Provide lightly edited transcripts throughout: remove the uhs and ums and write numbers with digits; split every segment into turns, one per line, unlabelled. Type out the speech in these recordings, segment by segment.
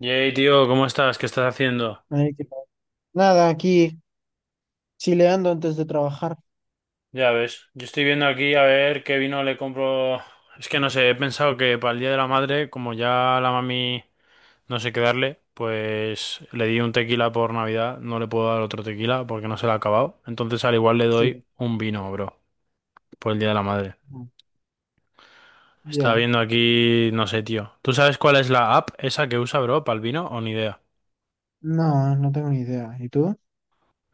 Yay, tío, ¿cómo estás? ¿Qué estás haciendo?
Ay, qué padre. Nada, aquí chileando antes de trabajar.
Ya ves, yo estoy viendo aquí a ver qué vino le compro. Es que no sé, he pensado que para el Día de la Madre, como ya la mami no sé qué darle, pues le di un tequila por Navidad, no le puedo dar otro tequila porque no se lo ha acabado. Entonces al igual le
Sí,
doy un vino, bro, por el Día de la Madre.
mm,
Estaba
ya.
viendo aquí, no sé, tío. ¿Tú sabes cuál es la app esa que usa, bro, para el vino o ni idea?
No, no tengo ni idea. ¿Y tú?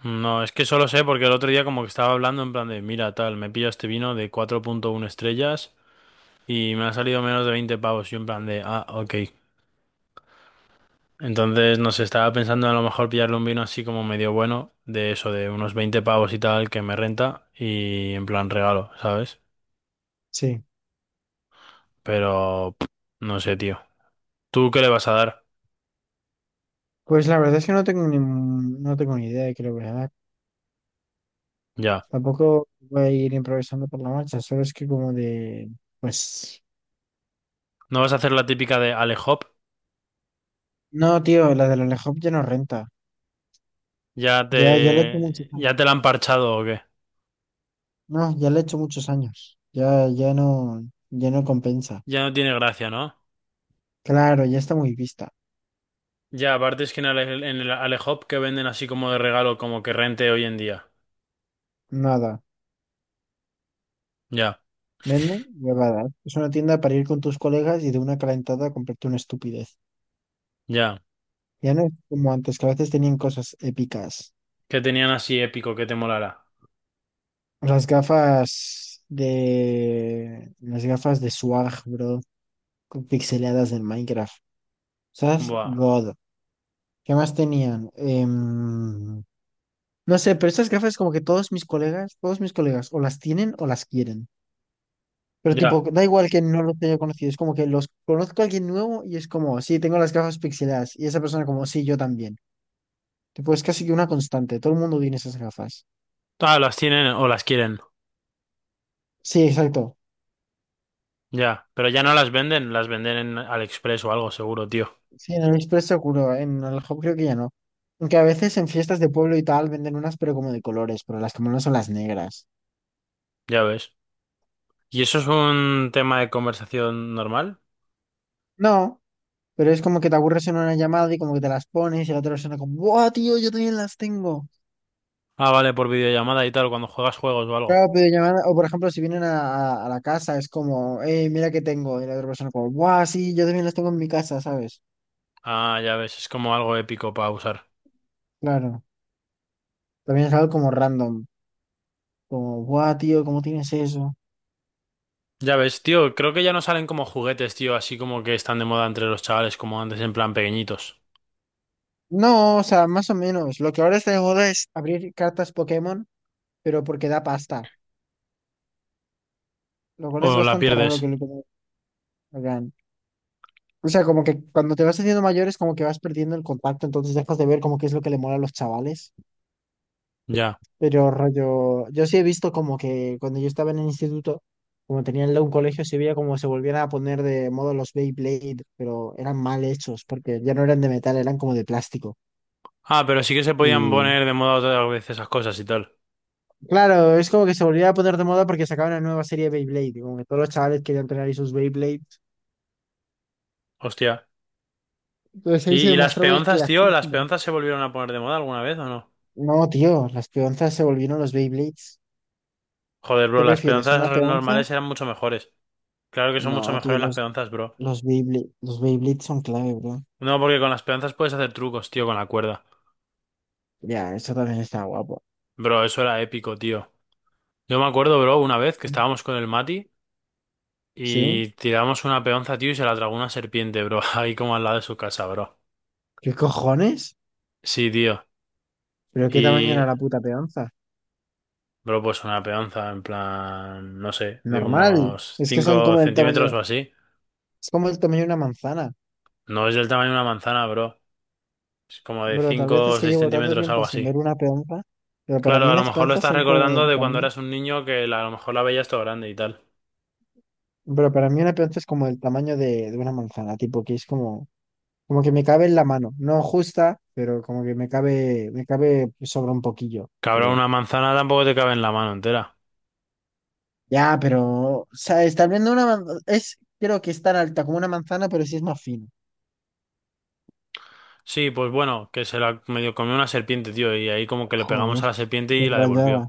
No, es que solo sé porque el otro día como que estaba hablando en plan de, mira, tal, me pillo este vino de 4.1 estrellas y me ha salido menos de 20 pavos. Y en plan de, ah, ok. Entonces, no sé, estaba pensando en a lo mejor pillarle un vino así como medio bueno, de eso, de unos 20 pavos y tal, que me renta y en plan regalo, ¿sabes?
Sí.
Pero, pff, no sé, tío. ¿Tú qué le vas a dar?
Pues la verdad es que no tengo ni idea de qué le voy a dar.
Ya.
Tampoco voy a ir improvisando por la marcha, solo es que como de. Pues.
¿No vas a hacer la típica de Ale Hop?
No, tío, la de la ya no renta. Ya, ya le he hecho muchos años.
Ya te la han parchado o qué?
No, ya le he hecho muchos años. Ya, ya no compensa.
Ya no tiene gracia, ¿no?
Claro, ya está muy vista.
Ya, aparte es que en el Alehop que venden así como de regalo, como que rente hoy en día.
Nada.
Ya,
Venden huevadas. Es una tienda para ir con tus colegas y de una calentada a comprarte una estupidez.
ya.
Ya no es como antes, que a veces tenían cosas épicas.
Que tenían así épico, que te molara.
Las gafas de. Las gafas de Swag, bro. Con pixeladas del Minecraft. ¿Sabes?
Buah,
God. ¿Qué más tenían? No sé, pero estas gafas como que todos mis colegas, o las tienen o las quieren. Pero tipo,
ya.
da igual que no los haya conocido, es como que los conozco a alguien nuevo y es como, sí, tengo las gafas pixeladas. Y esa persona como, sí, yo también. Tipo, es casi que una constante. Todo el mundo tiene esas gafas.
Ah, las tienen o las quieren.
Sí, exacto.
Ya, pero ya no las venden, las venden en AliExpress o algo seguro, tío.
Sí, en el Express seguro. En el Hop creo que ya no. Aunque a veces en fiestas de pueblo y tal venden unas, pero como de colores, pero las que no son las negras.
Ya ves. ¿Y eso es un tema de conversación normal?
No, pero es como que te aburres en una llamada y como que te las pones y la otra persona como, ¡buah, tío! Yo también las tengo.
Ah, vale, por videollamada y tal, cuando juegas juegos o algo.
Claro, pero llamada, o por ejemplo, si vienen a la casa, es como, ¡eh, mira que tengo! Y la otra persona como, ¡buah, sí! Yo también las tengo en mi casa, ¿sabes?
Ah, ya ves, es como algo épico para usar.
Claro. También es algo como random. Como, ¡buah, tío! ¿Cómo tienes eso?
Ya ves, tío, creo que ya no salen como juguetes, tío, así como que están de moda entre los chavales, como antes en plan pequeñitos.
No, o sea, más o menos. Lo que ahora está de moda es abrir cartas Pokémon, pero porque da pasta. Lo cual es
O la
bastante raro que
pierdes.
lo hagan. O sea, como que cuando te vas haciendo mayor es como que vas perdiendo el contacto, entonces dejas de ver como que es lo que le mola a los chavales.
Ya.
Pero rollo, yo sí he visto como que cuando yo estaba en el instituto, como tenía un colegio, se veía como se volvían a poner de moda los Beyblade, pero eran mal hechos, porque ya no eran de metal, eran como de plástico.
Ah, pero sí que se podían poner de moda otra vez esas cosas y tal.
Claro, es como que se volvía a poner de moda porque sacaban una nueva serie de Beyblade, y como que todos los chavales querían tener ahí sus Beyblades.
Hostia.
Entonces
¿Y,
ahí se
y las
demostraba el
peonzas, tío? ¿Las
clasismo.
peonzas se volvieron a poner de moda alguna vez o no?
No, tío, las peonzas se volvieron los Beyblades.
Joder, bro,
¿Qué
las
prefieres, una
normales
peonza?
eran mucho mejores. Claro que son mucho
No, tío,
mejores las
los,
peonzas, bro.
los Beyblade- los Beyblades son clave, bro.
No, porque con las peonzas puedes hacer trucos, tío, con la cuerda.
Ya, eso también está guapo.
Bro, eso era épico, tío. Yo me acuerdo, bro, una vez que estábamos con el Mati
¿Sí?
y tiramos una peonza, tío, y se la tragó una serpiente, bro, ahí como al lado de su casa, bro.
¿Qué cojones?
Sí, tío.
¿Pero qué tamaño era
Y
la puta peonza?
bro, pues una peonza, en plan, no sé, de
Normal.
unos
Es que son
5
como el
centímetros
tamaño,
o así.
es como el tamaño de una manzana.
No es del tamaño de una manzana, bro. Es como de
Pero tal vez
5
es
o
que
6
llevo tanto
centímetros,
tiempo
algo
sin
así.
ver una peonza, pero para
Claro,
mí
a lo
las
mejor lo
peonzas
estás
son como
recordando
del
de cuando
tamaño.
eras un niño que a lo mejor la veías todo grande y tal.
Pero para mí una peonza es como el tamaño de una manzana, tipo que es como que me cabe en la mano. No justa, pero como que me cabe sobra un poquillo.
Cabrón,
Pero,
una manzana tampoco te cabe en la mano entera.
ya, pero, ¿sabes? Tal vez no una manzana, es, creo que es tan alta como una manzana, pero sí es más fina.
Sí, pues bueno, que se la medio comió una serpiente, tío, y ahí como que le pegamos a
Joder,
la serpiente
qué
y la devolvió.
rayada.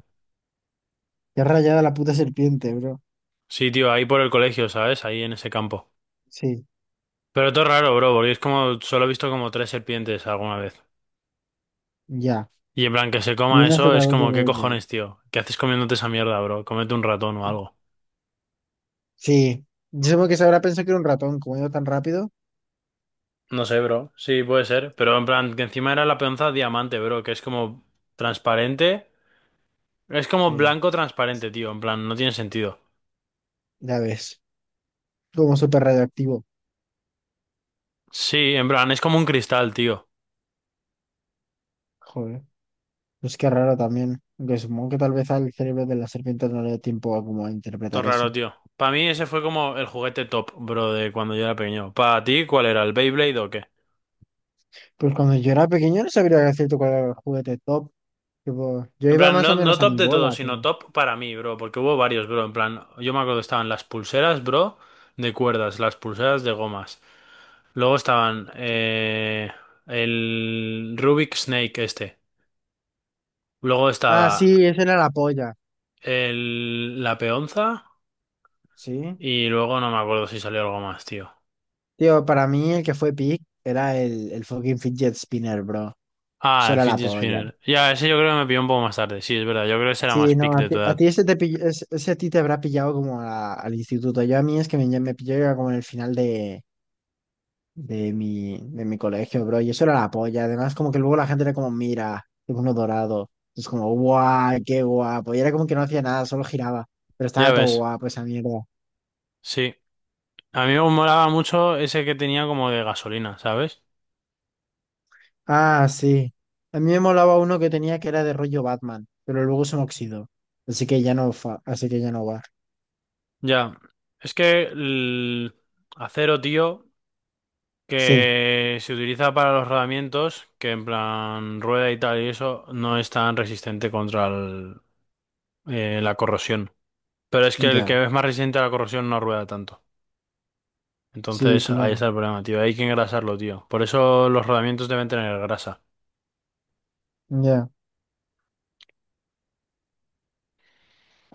Qué rayada la puta serpiente, bro.
Sí, tío, ahí por el colegio, ¿sabes? Ahí en ese campo.
Sí,
Pero todo raro, bro, porque es como, solo he visto como tres serpientes alguna vez.
ya.
Y en plan, que se
Y
coma
una se
eso
otra
es
vez de
como, ¿qué
golpe.
cojones, tío? ¿Qué haces comiéndote esa mierda, bro? Cómete un ratón o algo.
Sí, yo supongo que se habrá pensado que era un ratón, como iba tan rápido.
No sé, bro. Sí, puede ser. Pero en plan, que encima era la peonza diamante, bro, que es como transparente. Es como
Sí,
blanco transparente, tío. En plan, no tiene sentido.
ya ves, como súper radioactivo.
Sí, en plan, es como un cristal, tío.
Joder, pues qué raro también. Aunque supongo que tal vez al cerebro de la serpiente no le dio tiempo a como a
Todo
interpretar
raro,
eso.
tío. Para mí ese fue como el juguete top, bro, de cuando yo era pequeño. ¿Para ti cuál era? ¿El Beyblade o qué?
Pues cuando yo era pequeño no sabría decirte cuál era el juguete top. Tipo, yo
En
iba
plan,
más
no,
o
no
menos a
top
mi
de todo,
bola,
sino
pero.
top para mí, bro, porque hubo varios, bro. En plan, yo me acuerdo, que estaban las pulseras, bro, de cuerdas, las pulseras de gomas. Luego estaban el Rubik Snake este. Luego
Ah,
estaba
sí, ese era la polla.
la peonza
Sí.
y luego no me acuerdo si salió algo más, tío.
Tío, para mí el que fue pick era el fucking fidget spinner, bro.
Ah,
Eso
el
era la
fidget
polla.
spinner. Ya, ese yo creo que me pilló un poco más tarde. Sí, es verdad, yo creo que ese era
Sí,
más
no,
pick
a
de
ti,
tu
a
edad.
ti ese, ese a ti te habrá pillado como al instituto. Yo a mí es que me pilló ya como en el final de mi colegio, bro. Y eso era la polla. Además, como que luego la gente era como, mira, es uno dorado. Es como, guau, qué guapo. Y era como que no hacía nada, solo giraba. Pero
Ya
estaba todo
ves,
guapo esa mierda.
sí. A mí me molaba mucho ese que tenía como de gasolina, ¿sabes?
Ah, sí. A mí me molaba uno que tenía que era de rollo Batman, pero luego se me oxidó. Así que ya no, así que ya no va.
Ya, es que el acero, tío,
Sí,
que se utiliza para los rodamientos, que en plan rueda y tal y eso, no es tan resistente contra la corrosión. Pero es que el
ya.
que es más resistente a la corrosión no rueda tanto.
Sí,
Entonces ahí
claro.
está el problema, tío. Hay que engrasarlo, tío. Por eso los rodamientos deben tener grasa.
Ya.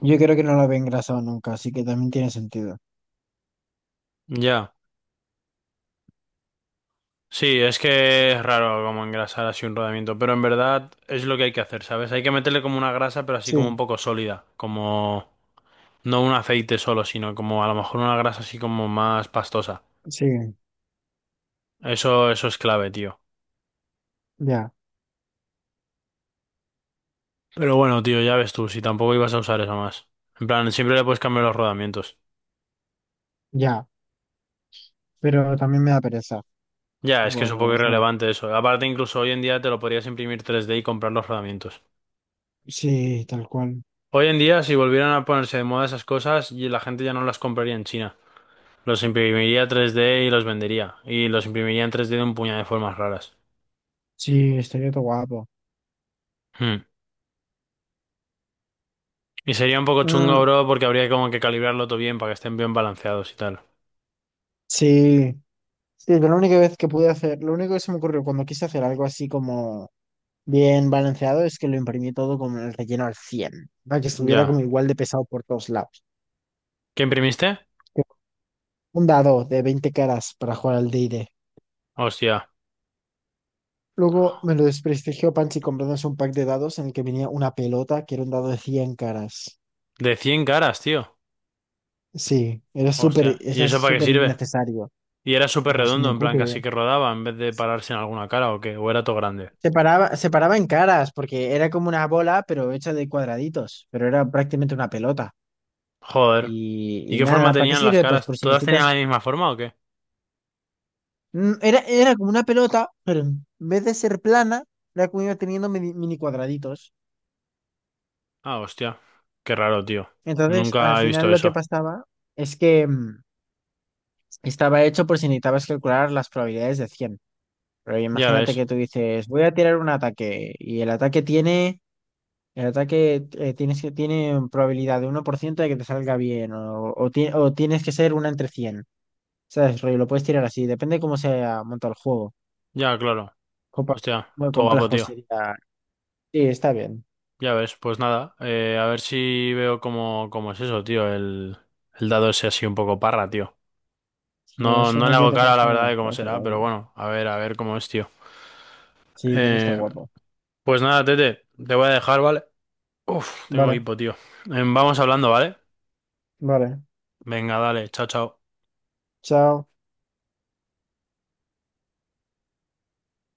Yo creo que no lo había engrasado nunca, así que también tiene sentido.
Ya, sí, es que es raro como engrasar así un rodamiento, pero en verdad es lo que hay que hacer, ¿sabes? Hay que meterle como una grasa, pero así
Sí,
como un poco sólida, como... No un aceite solo, sino como a lo mejor una grasa así como más pastosa.
sí,
Eso es clave, tío.
ya,
Pero bueno, tío, ya ves tú, si tampoco ibas a usar eso más. En plan, siempre le puedes cambiar los rodamientos.
ya. Pero también me da pereza.
Ya, es
Tipo,
que es un poco
o sea,
irrelevante eso. Aparte, incluso hoy en día te lo podrías imprimir tres d y comprar los rodamientos.
sí, tal cual.
Hoy en día, si volvieran a ponerse de moda esas cosas, y la gente ya no las compraría en China. Los imprimiría tres d y los vendería. Y los imprimiría en tres d de un puñado de formas raras.
Sí, estaría todo guapo.
Hmm. Y sería un poco chungo,
Mm,
bro, porque habría como que calibrarlo todo bien para que estén bien balanceados y tal.
sí. Sí, pero la única vez que pude hacer, lo único que se me ocurrió cuando quise hacer algo así como bien balanceado es que lo imprimí todo como el relleno al 100 para que estuviera como
Ya.
igual de pesado por todos lados.
¿Qué imprimiste?
Tipo, un dado de 20 caras para jugar al D&D.
Hostia.
Luego me lo desprestigió Panchi comprándose un pack de dados en el que venía una pelota que era un dado de 100 caras.
De cien caras, tío.
Sí,
Hostia. ¿Y
era
eso para qué
súper
sirve?
innecesario.
Y era súper
Pues
redondo,
ni
en plan,
puta idea.
casi que rodaba en vez de pararse en alguna cara o qué. O era todo grande.
Se paraba en caras porque era como una bola, pero hecha de cuadraditos, pero era prácticamente una pelota.
Joder.
Y,
¿Y
y
qué forma
nada, ¿para qué
tenían las
sirve? Pues
caras?
por si
¿Todas tenían
necesitas.
la misma forma o qué?
Era como una pelota, pero en vez de ser plana, era como iba teniendo mini, mini cuadraditos.
Ah, hostia. Qué raro, tío.
Entonces, al
Nunca he visto
final lo que
eso.
pasaba es que. Estaba hecho por si necesitabas calcular las probabilidades de 100. Pero
Ya
imagínate
ves.
que tú dices, voy a tirar un ataque y el ataque tiene, el ataque tienes que, tiene probabilidad de 1% de que te salga bien o tienes que ser una entre 100. ¿Sabes? Rollo, lo puedes tirar así, depende cómo se monta el juego.
Ya, claro.
Compa.
Hostia.
Muy
Todo guapo,
complejo
tío.
sería. Sí, está bien.
Ya ves. Pues nada. A ver si veo cómo, cómo es eso, tío. El dado ese así un poco parra, tío.
Si a ver
No,
si
no le
algún día
hago
te puedo
cara, la
enseñar
verdad,
una
de cómo
foto
será,
o
pero
algo.
bueno, a ver cómo es, tío.
Sí, tiene que estar
Eh,
guapo.
pues nada, Tete, te voy a dejar, ¿vale? Uf, tengo
Vale,
hipo, tío. Vamos hablando, ¿vale?
vale.
Venga, dale, chao, chao.
Chao.